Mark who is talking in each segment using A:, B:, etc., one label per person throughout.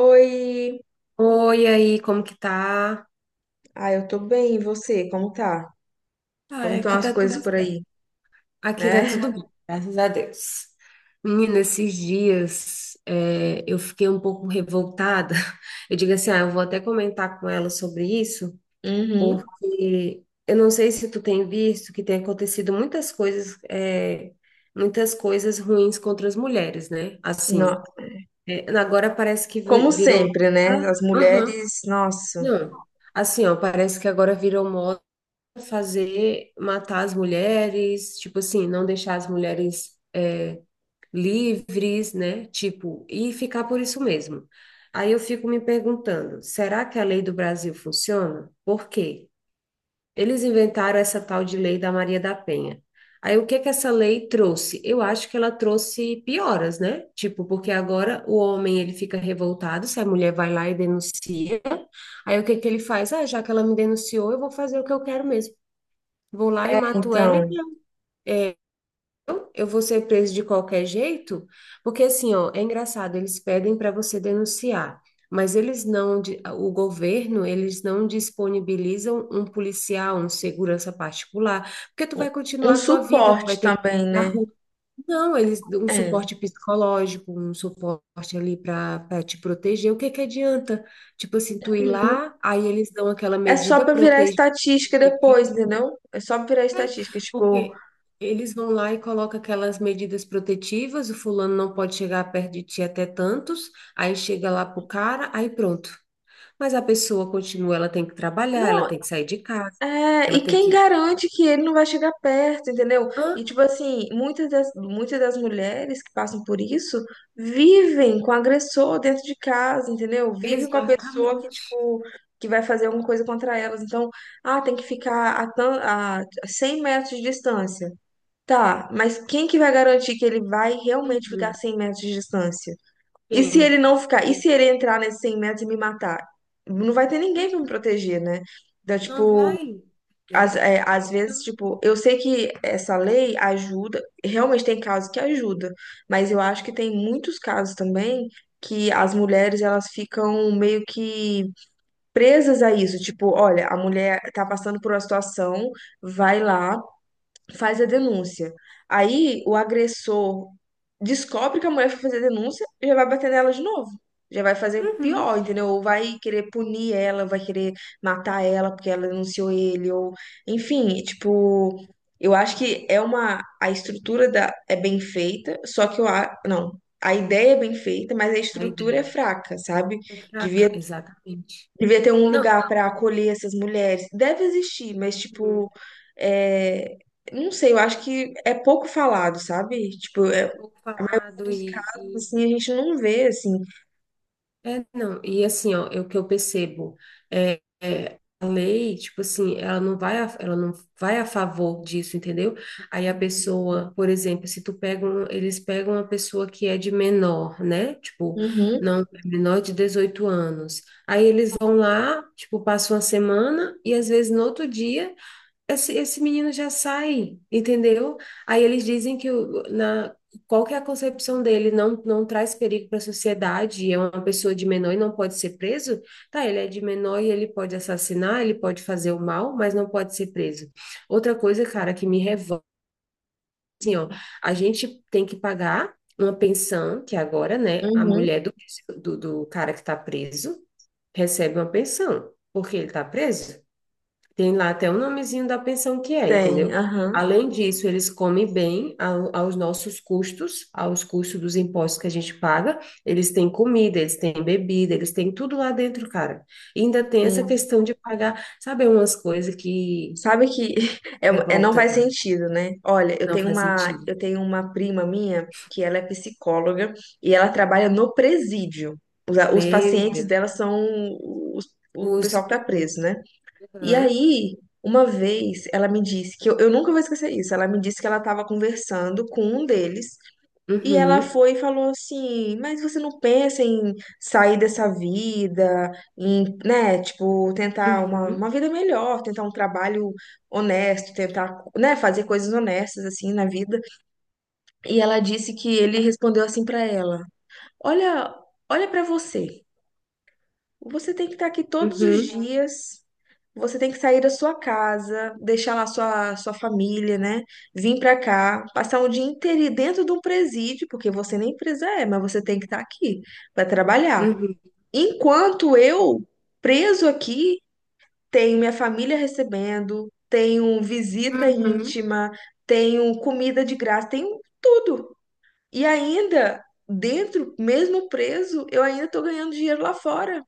A: Oi!
B: Oi, aí, como que tá?
A: Ah, eu tô bem, e você? Como tá?
B: Ah,
A: Como estão
B: aqui
A: as
B: tá
A: coisas
B: tudo
A: por
B: certo.
A: aí,
B: Aqui tá tudo
A: né?
B: bem, graças a Deus. Menina, esses dias eu fiquei um pouco revoltada. Eu digo assim, ah, eu vou até comentar com ela sobre isso,
A: Uhum.
B: porque eu não sei se tu tem visto que tem acontecido muitas coisas, muitas coisas ruins contra as mulheres, né? Assim,
A: No-
B: é, agora parece que
A: Como
B: virou...
A: sempre, né? As
B: Aham.
A: mulheres, nossa.
B: Não, assim, ó, parece que agora virou moda fazer, matar as mulheres, tipo assim, não deixar as mulheres livres, né? Tipo, e ficar por isso mesmo. Aí eu fico me perguntando, será que a lei do Brasil funciona? Por quê? Eles inventaram essa tal de lei da Maria da Penha. Aí o que que essa lei trouxe? Eu acho que ela trouxe pioras, né? Tipo, porque agora o homem ele fica revoltado se a mulher vai lá e denuncia. Aí o que que ele faz? Ah, já que ela me denunciou, eu vou fazer o que eu quero mesmo. Vou lá e mato ela e
A: Então,
B: já. É, eu vou ser preso de qualquer jeito, porque assim, ó, é engraçado, eles pedem para você denunciar, mas eles não, o governo, eles não disponibilizam um policial, um segurança particular, porque tu
A: um
B: vai
A: um
B: continuar a tua vida, tu vai
A: suporte
B: ter que ir
A: também,
B: na
A: né?
B: rua. Não, eles um
A: É.
B: suporte psicológico, um suporte ali para te proteger. O que que adianta? Tipo assim, tu ir
A: Uhum.
B: lá, aí eles dão aquela
A: É só
B: medida
A: pra virar
B: protetiva.
A: estatística depois, entendeu? É só pra virar estatística, tipo,
B: Porque eles vão lá e colocam aquelas medidas protetivas, o fulano não pode chegar perto de ti até tantos, aí chega lá pro cara, aí pronto. Mas a pessoa continua, ela tem que trabalhar, ela
A: não,
B: tem que sair de casa,
A: é,
B: ela
A: e
B: tem
A: quem
B: que.
A: garante que ele não vai chegar perto, entendeu?
B: Hã?
A: E, tipo assim, muitas das mulheres que passam por isso vivem com o agressor dentro de casa, entendeu? Vivem com a pessoa que,
B: Exatamente.
A: tipo, que vai fazer alguma coisa contra elas. Então, ah, tem que ficar a 100 metros de distância. Tá, mas quem que vai garantir que ele vai realmente ficar a
B: Uhum.
A: 100 metros de distância? E se ele
B: Tem,
A: não ficar? E
B: tem.
A: se ele entrar nesses 100 metros e me matar? Não vai ter ninguém
B: Hum.
A: pra me proteger, né? Então,
B: Não
A: tipo.
B: vai,
A: Às,
B: entendeu?
A: é, às vezes,
B: Então,
A: tipo, eu sei que essa lei ajuda, realmente tem casos que ajuda, mas eu acho que tem muitos casos também que as mulheres elas ficam meio que presas a isso, tipo, olha, a mulher tá passando por uma situação, vai lá, faz a denúncia. Aí o agressor descobre que a mulher foi fazer a denúncia e já vai bater nela de novo. Já vai fazer pior,
B: uhum.
A: entendeu? Ou vai querer punir ela, vai querer matar ela porque ela denunciou ele, ou enfim, tipo, eu acho que é uma a estrutura da é bem feita, só que não, a ideia é bem feita, mas a
B: A
A: estrutura é
B: ideia
A: fraca, sabe?
B: é
A: Devia
B: fraca, exatamente.
A: Devia ter um
B: Não,
A: lugar para acolher essas mulheres. Deve existir, mas,
B: hum,
A: tipo, é, não sei, eu acho que é pouco falado, sabe? Tipo, é,
B: é pouco
A: a maioria
B: falado
A: dos
B: e,
A: casos,
B: e
A: assim, a gente não vê, assim.
B: é, não, e assim, ó, é o que eu percebo a lei, tipo assim, ela não vai a, ela não vai a favor disso, entendeu? Aí a pessoa, por exemplo, se tu pega um, eles pegam uma pessoa que é de menor, né? Tipo,
A: Uhum,
B: não, é menor de 18 anos. Aí eles vão lá, tipo, passam uma semana e às vezes no outro dia esse menino já sai, entendeu? Aí eles dizem que na, qual que é a concepção dele, não, não traz perigo para a sociedade, é uma pessoa de menor e não pode ser preso? Tá, ele é de menor e ele pode assassinar, ele pode fazer o mal, mas não pode ser preso. Outra coisa, cara, que me revolta, assim, ó, a gente tem que pagar uma pensão, que agora, né, a
A: uhum,
B: mulher do, do cara que está preso recebe uma pensão, porque ele está preso. Tem lá até o nomezinho da pensão que é,
A: tem,
B: entendeu?
A: aham,
B: Além disso, eles comem bem aos nossos custos, aos custos dos impostos que a gente paga. Eles têm comida, eles têm bebida, eles têm tudo lá dentro, cara. E ainda tem essa
A: sim.
B: questão de pagar, sabe, umas coisas que
A: Sabe que não
B: revolta,
A: faz
B: tá?
A: sentido, né? Olha,
B: Não faz sentido.
A: eu tenho uma prima minha que ela é psicóloga e ela trabalha no presídio. Os
B: Meu
A: pacientes
B: Deus.
A: dela são os- o
B: Os...
A: pessoal que tá preso, né? E
B: Aham.
A: aí, uma vez, ela me disse que eu nunca vou esquecer isso. Ela me disse que ela estava conversando com um deles e ela
B: Uhum.
A: foi e falou assim: Mas você não pensa em sair dessa vida, em, né, tipo, tentar uma,
B: Uhum.
A: vida melhor, tentar um trabalho honesto, tentar, né, fazer coisas honestas assim na vida. E ela disse que ele respondeu assim pra ela: Olha, olha pra você. Você tem que estar aqui todos os
B: Uhum.
A: dias. Você tem que sair da sua casa, deixar lá sua, sua família, né? Vir pra cá, passar um dia inteiro dentro de um presídio, porque você nem presa é, mas você tem que estar aqui para trabalhar.
B: Uhum.
A: Enquanto eu, preso aqui, tenho minha família recebendo, tenho visita
B: Uhum.
A: íntima, tenho comida de graça, tenho tudo. E ainda, dentro, mesmo preso, eu ainda tô ganhando dinheiro lá fora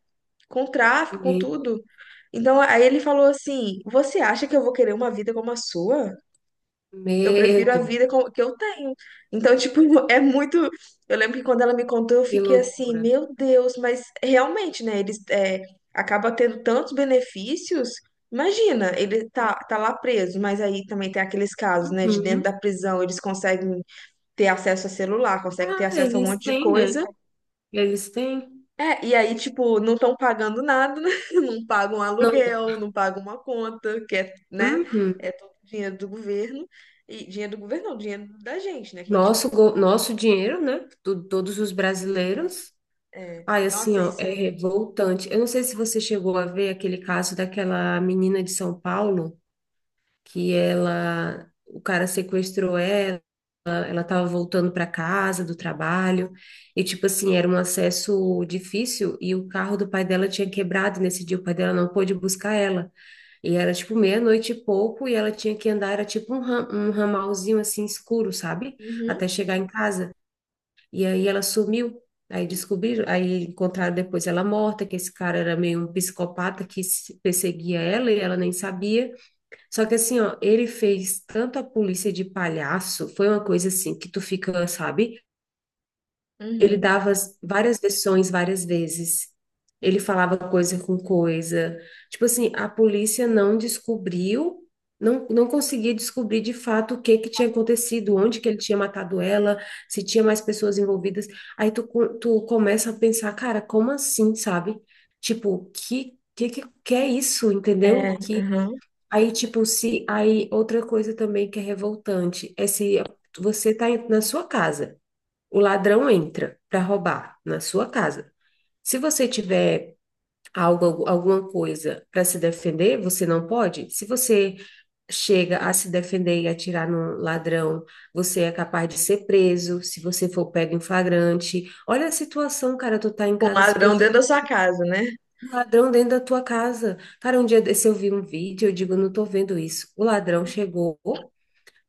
A: com tráfico, com tudo. Então, aí ele falou assim: Você acha que eu vou querer uma vida como a sua? Eu
B: Meu
A: prefiro a
B: Deus,
A: vida com- que eu tenho. Então, tipo, é muito. Eu lembro que quando ela me contou, eu
B: que
A: fiquei assim:
B: loucura.
A: Meu Deus, mas realmente, né? Eles é, acaba tendo tantos benefícios. Imagina, ele tá lá preso, mas aí também tem aqueles casos, né? De dentro
B: Uhum.
A: da prisão, eles conseguem ter acesso a celular, conseguem ter
B: Ah,
A: acesso a um
B: eles
A: monte de
B: têm, né?
A: coisa.
B: Eles têm.
A: É, e aí, tipo, não estão pagando nada, né? Não pagam
B: Não, tem-
A: aluguel, não pagam uma conta, que é, né?
B: uhum.
A: É todo dinheiro do governo. E dinheiro do governo, não, dinheiro da gente, né? Que a gente, tipo,
B: Nosso, nosso dinheiro, né? Do, todos os brasileiros. Ai, assim,
A: nossa,
B: ó,
A: isso
B: é
A: é.
B: revoltante. Eu não sei se você chegou a ver aquele caso daquela menina de São Paulo, que ela, o cara sequestrou ela, ela tava voltando para casa do trabalho, e tipo assim, era um acesso difícil, e o carro do pai dela tinha quebrado nesse dia, o pai dela não pôde buscar ela. E era tipo meia-noite e pouco, e ela tinha que andar, era tipo um, um ramalzinho assim escuro, sabe? Até
A: Uhum,
B: chegar em casa. E aí ela sumiu. Aí descobriram, aí encontraram depois ela morta, que esse cara era meio um psicopata que perseguia ela e ela nem sabia. Só que assim, ó, ele fez tanto a polícia de palhaço, foi uma coisa assim que tu fica, sabe? Ele
A: uhum.
B: dava várias versões várias vezes. Ele falava coisa com coisa. Tipo assim, a polícia não descobriu, não, não conseguia descobrir de fato o que que tinha acontecido, onde que ele tinha matado ela, se tinha mais pessoas envolvidas. Aí tu, tu começa a pensar, cara, como assim, sabe? Tipo, que é isso,
A: É,
B: entendeu? Que
A: uhum.
B: aí tipo se aí outra coisa também que é revoltante é se você tá na sua casa. O ladrão entra para roubar na sua casa. Se você tiver algo, alguma coisa para se defender, você não pode. Se você chega a se defender e atirar no ladrão, você é capaz de ser preso. Se você for pego em flagrante, olha a situação, cara, tu tá em
A: Com um
B: casa se
A: ladrão dentro
B: protegendo
A: da sua casa, né?
B: do ladrão dentro da tua casa. Cara, um dia desse eu vi um vídeo, eu digo, eu não tô vendo isso. O ladrão chegou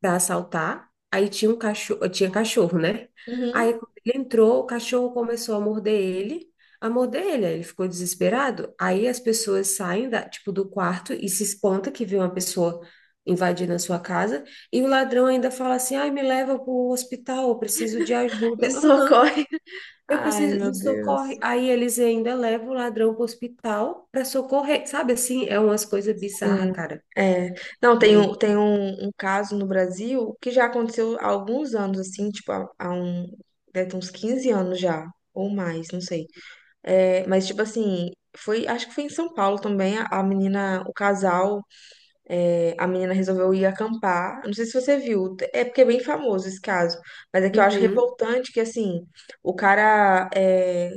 B: para assaltar. Aí tinha um cachorro, tinha cachorro, né? Aí
A: Uhum.
B: quando ele entrou, o cachorro começou a morder ele, aí ele ficou desesperado. Aí as pessoas saem da, tipo, do quarto e se espanta que vê uma pessoa invadindo a sua casa, e o ladrão ainda fala assim: "Ai, me leva para o hospital, eu preciso de
A: Me
B: ajuda". Aham.
A: socorre.
B: Eu
A: Ai,
B: preciso
A: meu
B: me socorre.
A: Deus.
B: Aí eles ainda levam o ladrão para o hospital para socorrer. Sabe assim, é umas coisas bizarras,
A: Sim.
B: cara.
A: É. Não, tem
B: E-
A: um, tem um, um caso no Brasil que já aconteceu há alguns anos, assim, tipo, há, um, deve ter uns 15 anos já, ou mais, não sei. É, mas, tipo assim, foi, acho que foi em São Paulo também, a menina, o casal, é, a menina resolveu ir acampar. Não sei se você viu, é porque é bem famoso esse caso, mas é que eu acho
B: Uhum.
A: revoltante que, assim, o cara, é,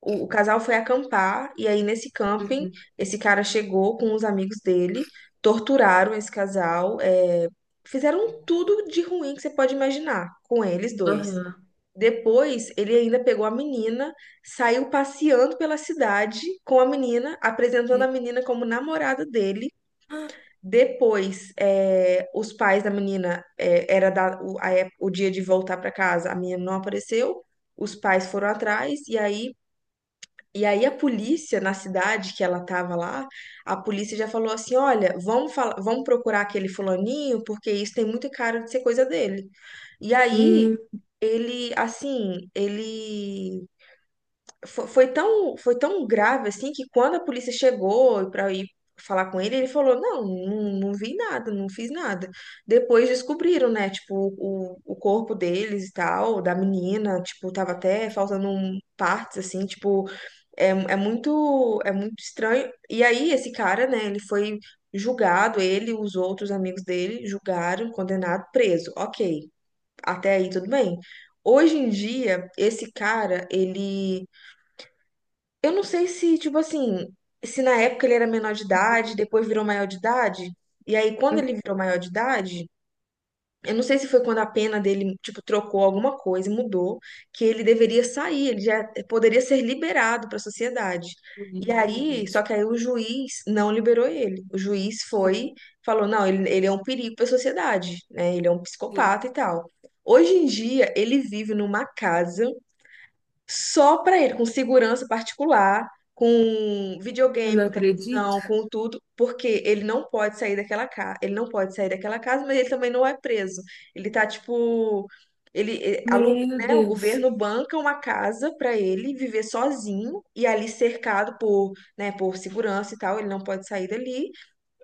A: o casal foi acampar, e aí nesse camping,
B: Uhum.
A: esse cara chegou com os amigos dele, torturaram esse casal, é, fizeram tudo de ruim que você pode imaginar com eles dois.
B: Aham.
A: Depois, ele ainda pegou a menina, saiu passeando pela cidade com a menina, apresentando a menina como namorada dele.
B: Ah.
A: Depois, eh, os pais da menina, era da- o, a ép- o dia de voltar para casa, a menina não apareceu, os pais foram atrás, e aí, a polícia na cidade que ela estava lá, a polícia já falou assim: olha, vamos procurar aquele fulaninho, porque isso tem muita cara de ser coisa dele. E aí
B: Hum,
A: ele, assim, ele foi tão grave assim que quando a polícia chegou para ir falar com ele, ele falou: "Não, não, não vi nada, não fiz nada". Depois descobriram, né, tipo, o corpo deles e tal, da menina, tipo, tava até faltando partes assim, tipo, é muito estranho. E aí esse cara, né, ele foi julgado, ele e os outros amigos dele julgaram, condenado, preso. OK. Até aí tudo bem. Hoje em dia, esse cara, ele. Eu não sei se, tipo assim, se na época ele era menor de idade, depois virou maior de idade. E aí, quando
B: hum.
A: ele virou maior de idade, eu não sei se foi quando a pena dele, tipo, trocou alguma coisa, mudou, que ele deveria sair, ele já poderia ser liberado para a sociedade. E
B: Meu
A: aí,
B: Deus.
A: só que aí o juiz não liberou ele. O juiz foi, falou, não, ele é um perigo para a sociedade, né? Ele é um
B: Sim,
A: psicopata e tal. Hoje em dia, ele vive numa casa só para ele, com segurança particular, com
B: eu
A: videogame,
B: não
A: com
B: acredito.
A: televisão, com tudo, porque ele não pode sair daquela casa, ele não pode sair daquela casa, mas ele também não é preso. Ele tá tipo, ele eh,
B: Meu
A: né, o
B: Deus.
A: governo banca uma casa para ele viver sozinho e ali cercado por, né, por segurança e tal, ele não pode sair dali.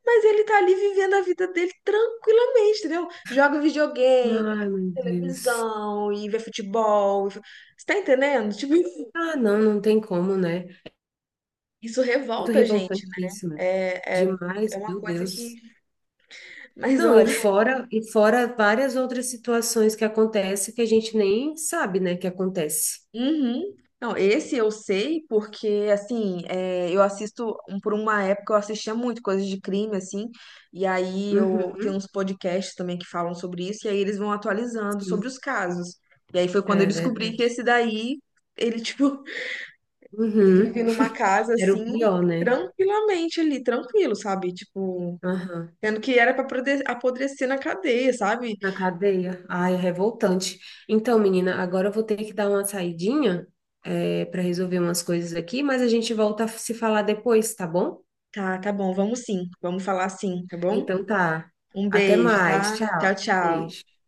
A: Mas ele tá ali vivendo a vida dele tranquilamente, entendeu? Joga videogame,
B: Ai, meu Deus.
A: televisão, e vê futebol. E você tá entendendo? Tipo,
B: Ah, não, não tem como, né?
A: isso
B: Muito
A: revolta a gente, né?
B: revoltantíssimo.
A: É, é, é
B: Demais,
A: uma
B: meu
A: coisa
B: Deus.
A: que. Mas
B: Não,
A: olha.
B: e fora várias outras situações que acontecem que a gente nem sabe, né, que acontece.
A: Uhum. Não, esse eu sei porque, assim, é, eu assisto, por uma época eu assistia muito coisas de crime, assim, e aí eu tenho
B: Uhum,
A: uns podcasts também que falam sobre isso, e aí eles vão atualizando sobre
B: sim,
A: os casos. E aí foi quando eu
B: é
A: descobri que
B: verdade.
A: esse daí, ele, tipo, vive
B: Uhum.
A: numa casa,
B: Era
A: assim,
B: o pior, né?
A: tranquilamente ali, tranquilo, sabe? Tipo,
B: Aham.
A: tendo que era pra apodrecer na cadeia, sabe?
B: Na cadeia? Ai, é revoltante. Então, menina, agora eu vou ter que dar uma saidinha, é, para resolver umas coisas aqui, mas a gente volta a se falar depois, tá bom?
A: Tá, tá bom, vamos sim, vamos falar sim, tá bom?
B: Então tá.
A: Um
B: Até
A: beijo,
B: mais.
A: tá? Tchau,
B: Tchau.
A: tchau.
B: Beijo.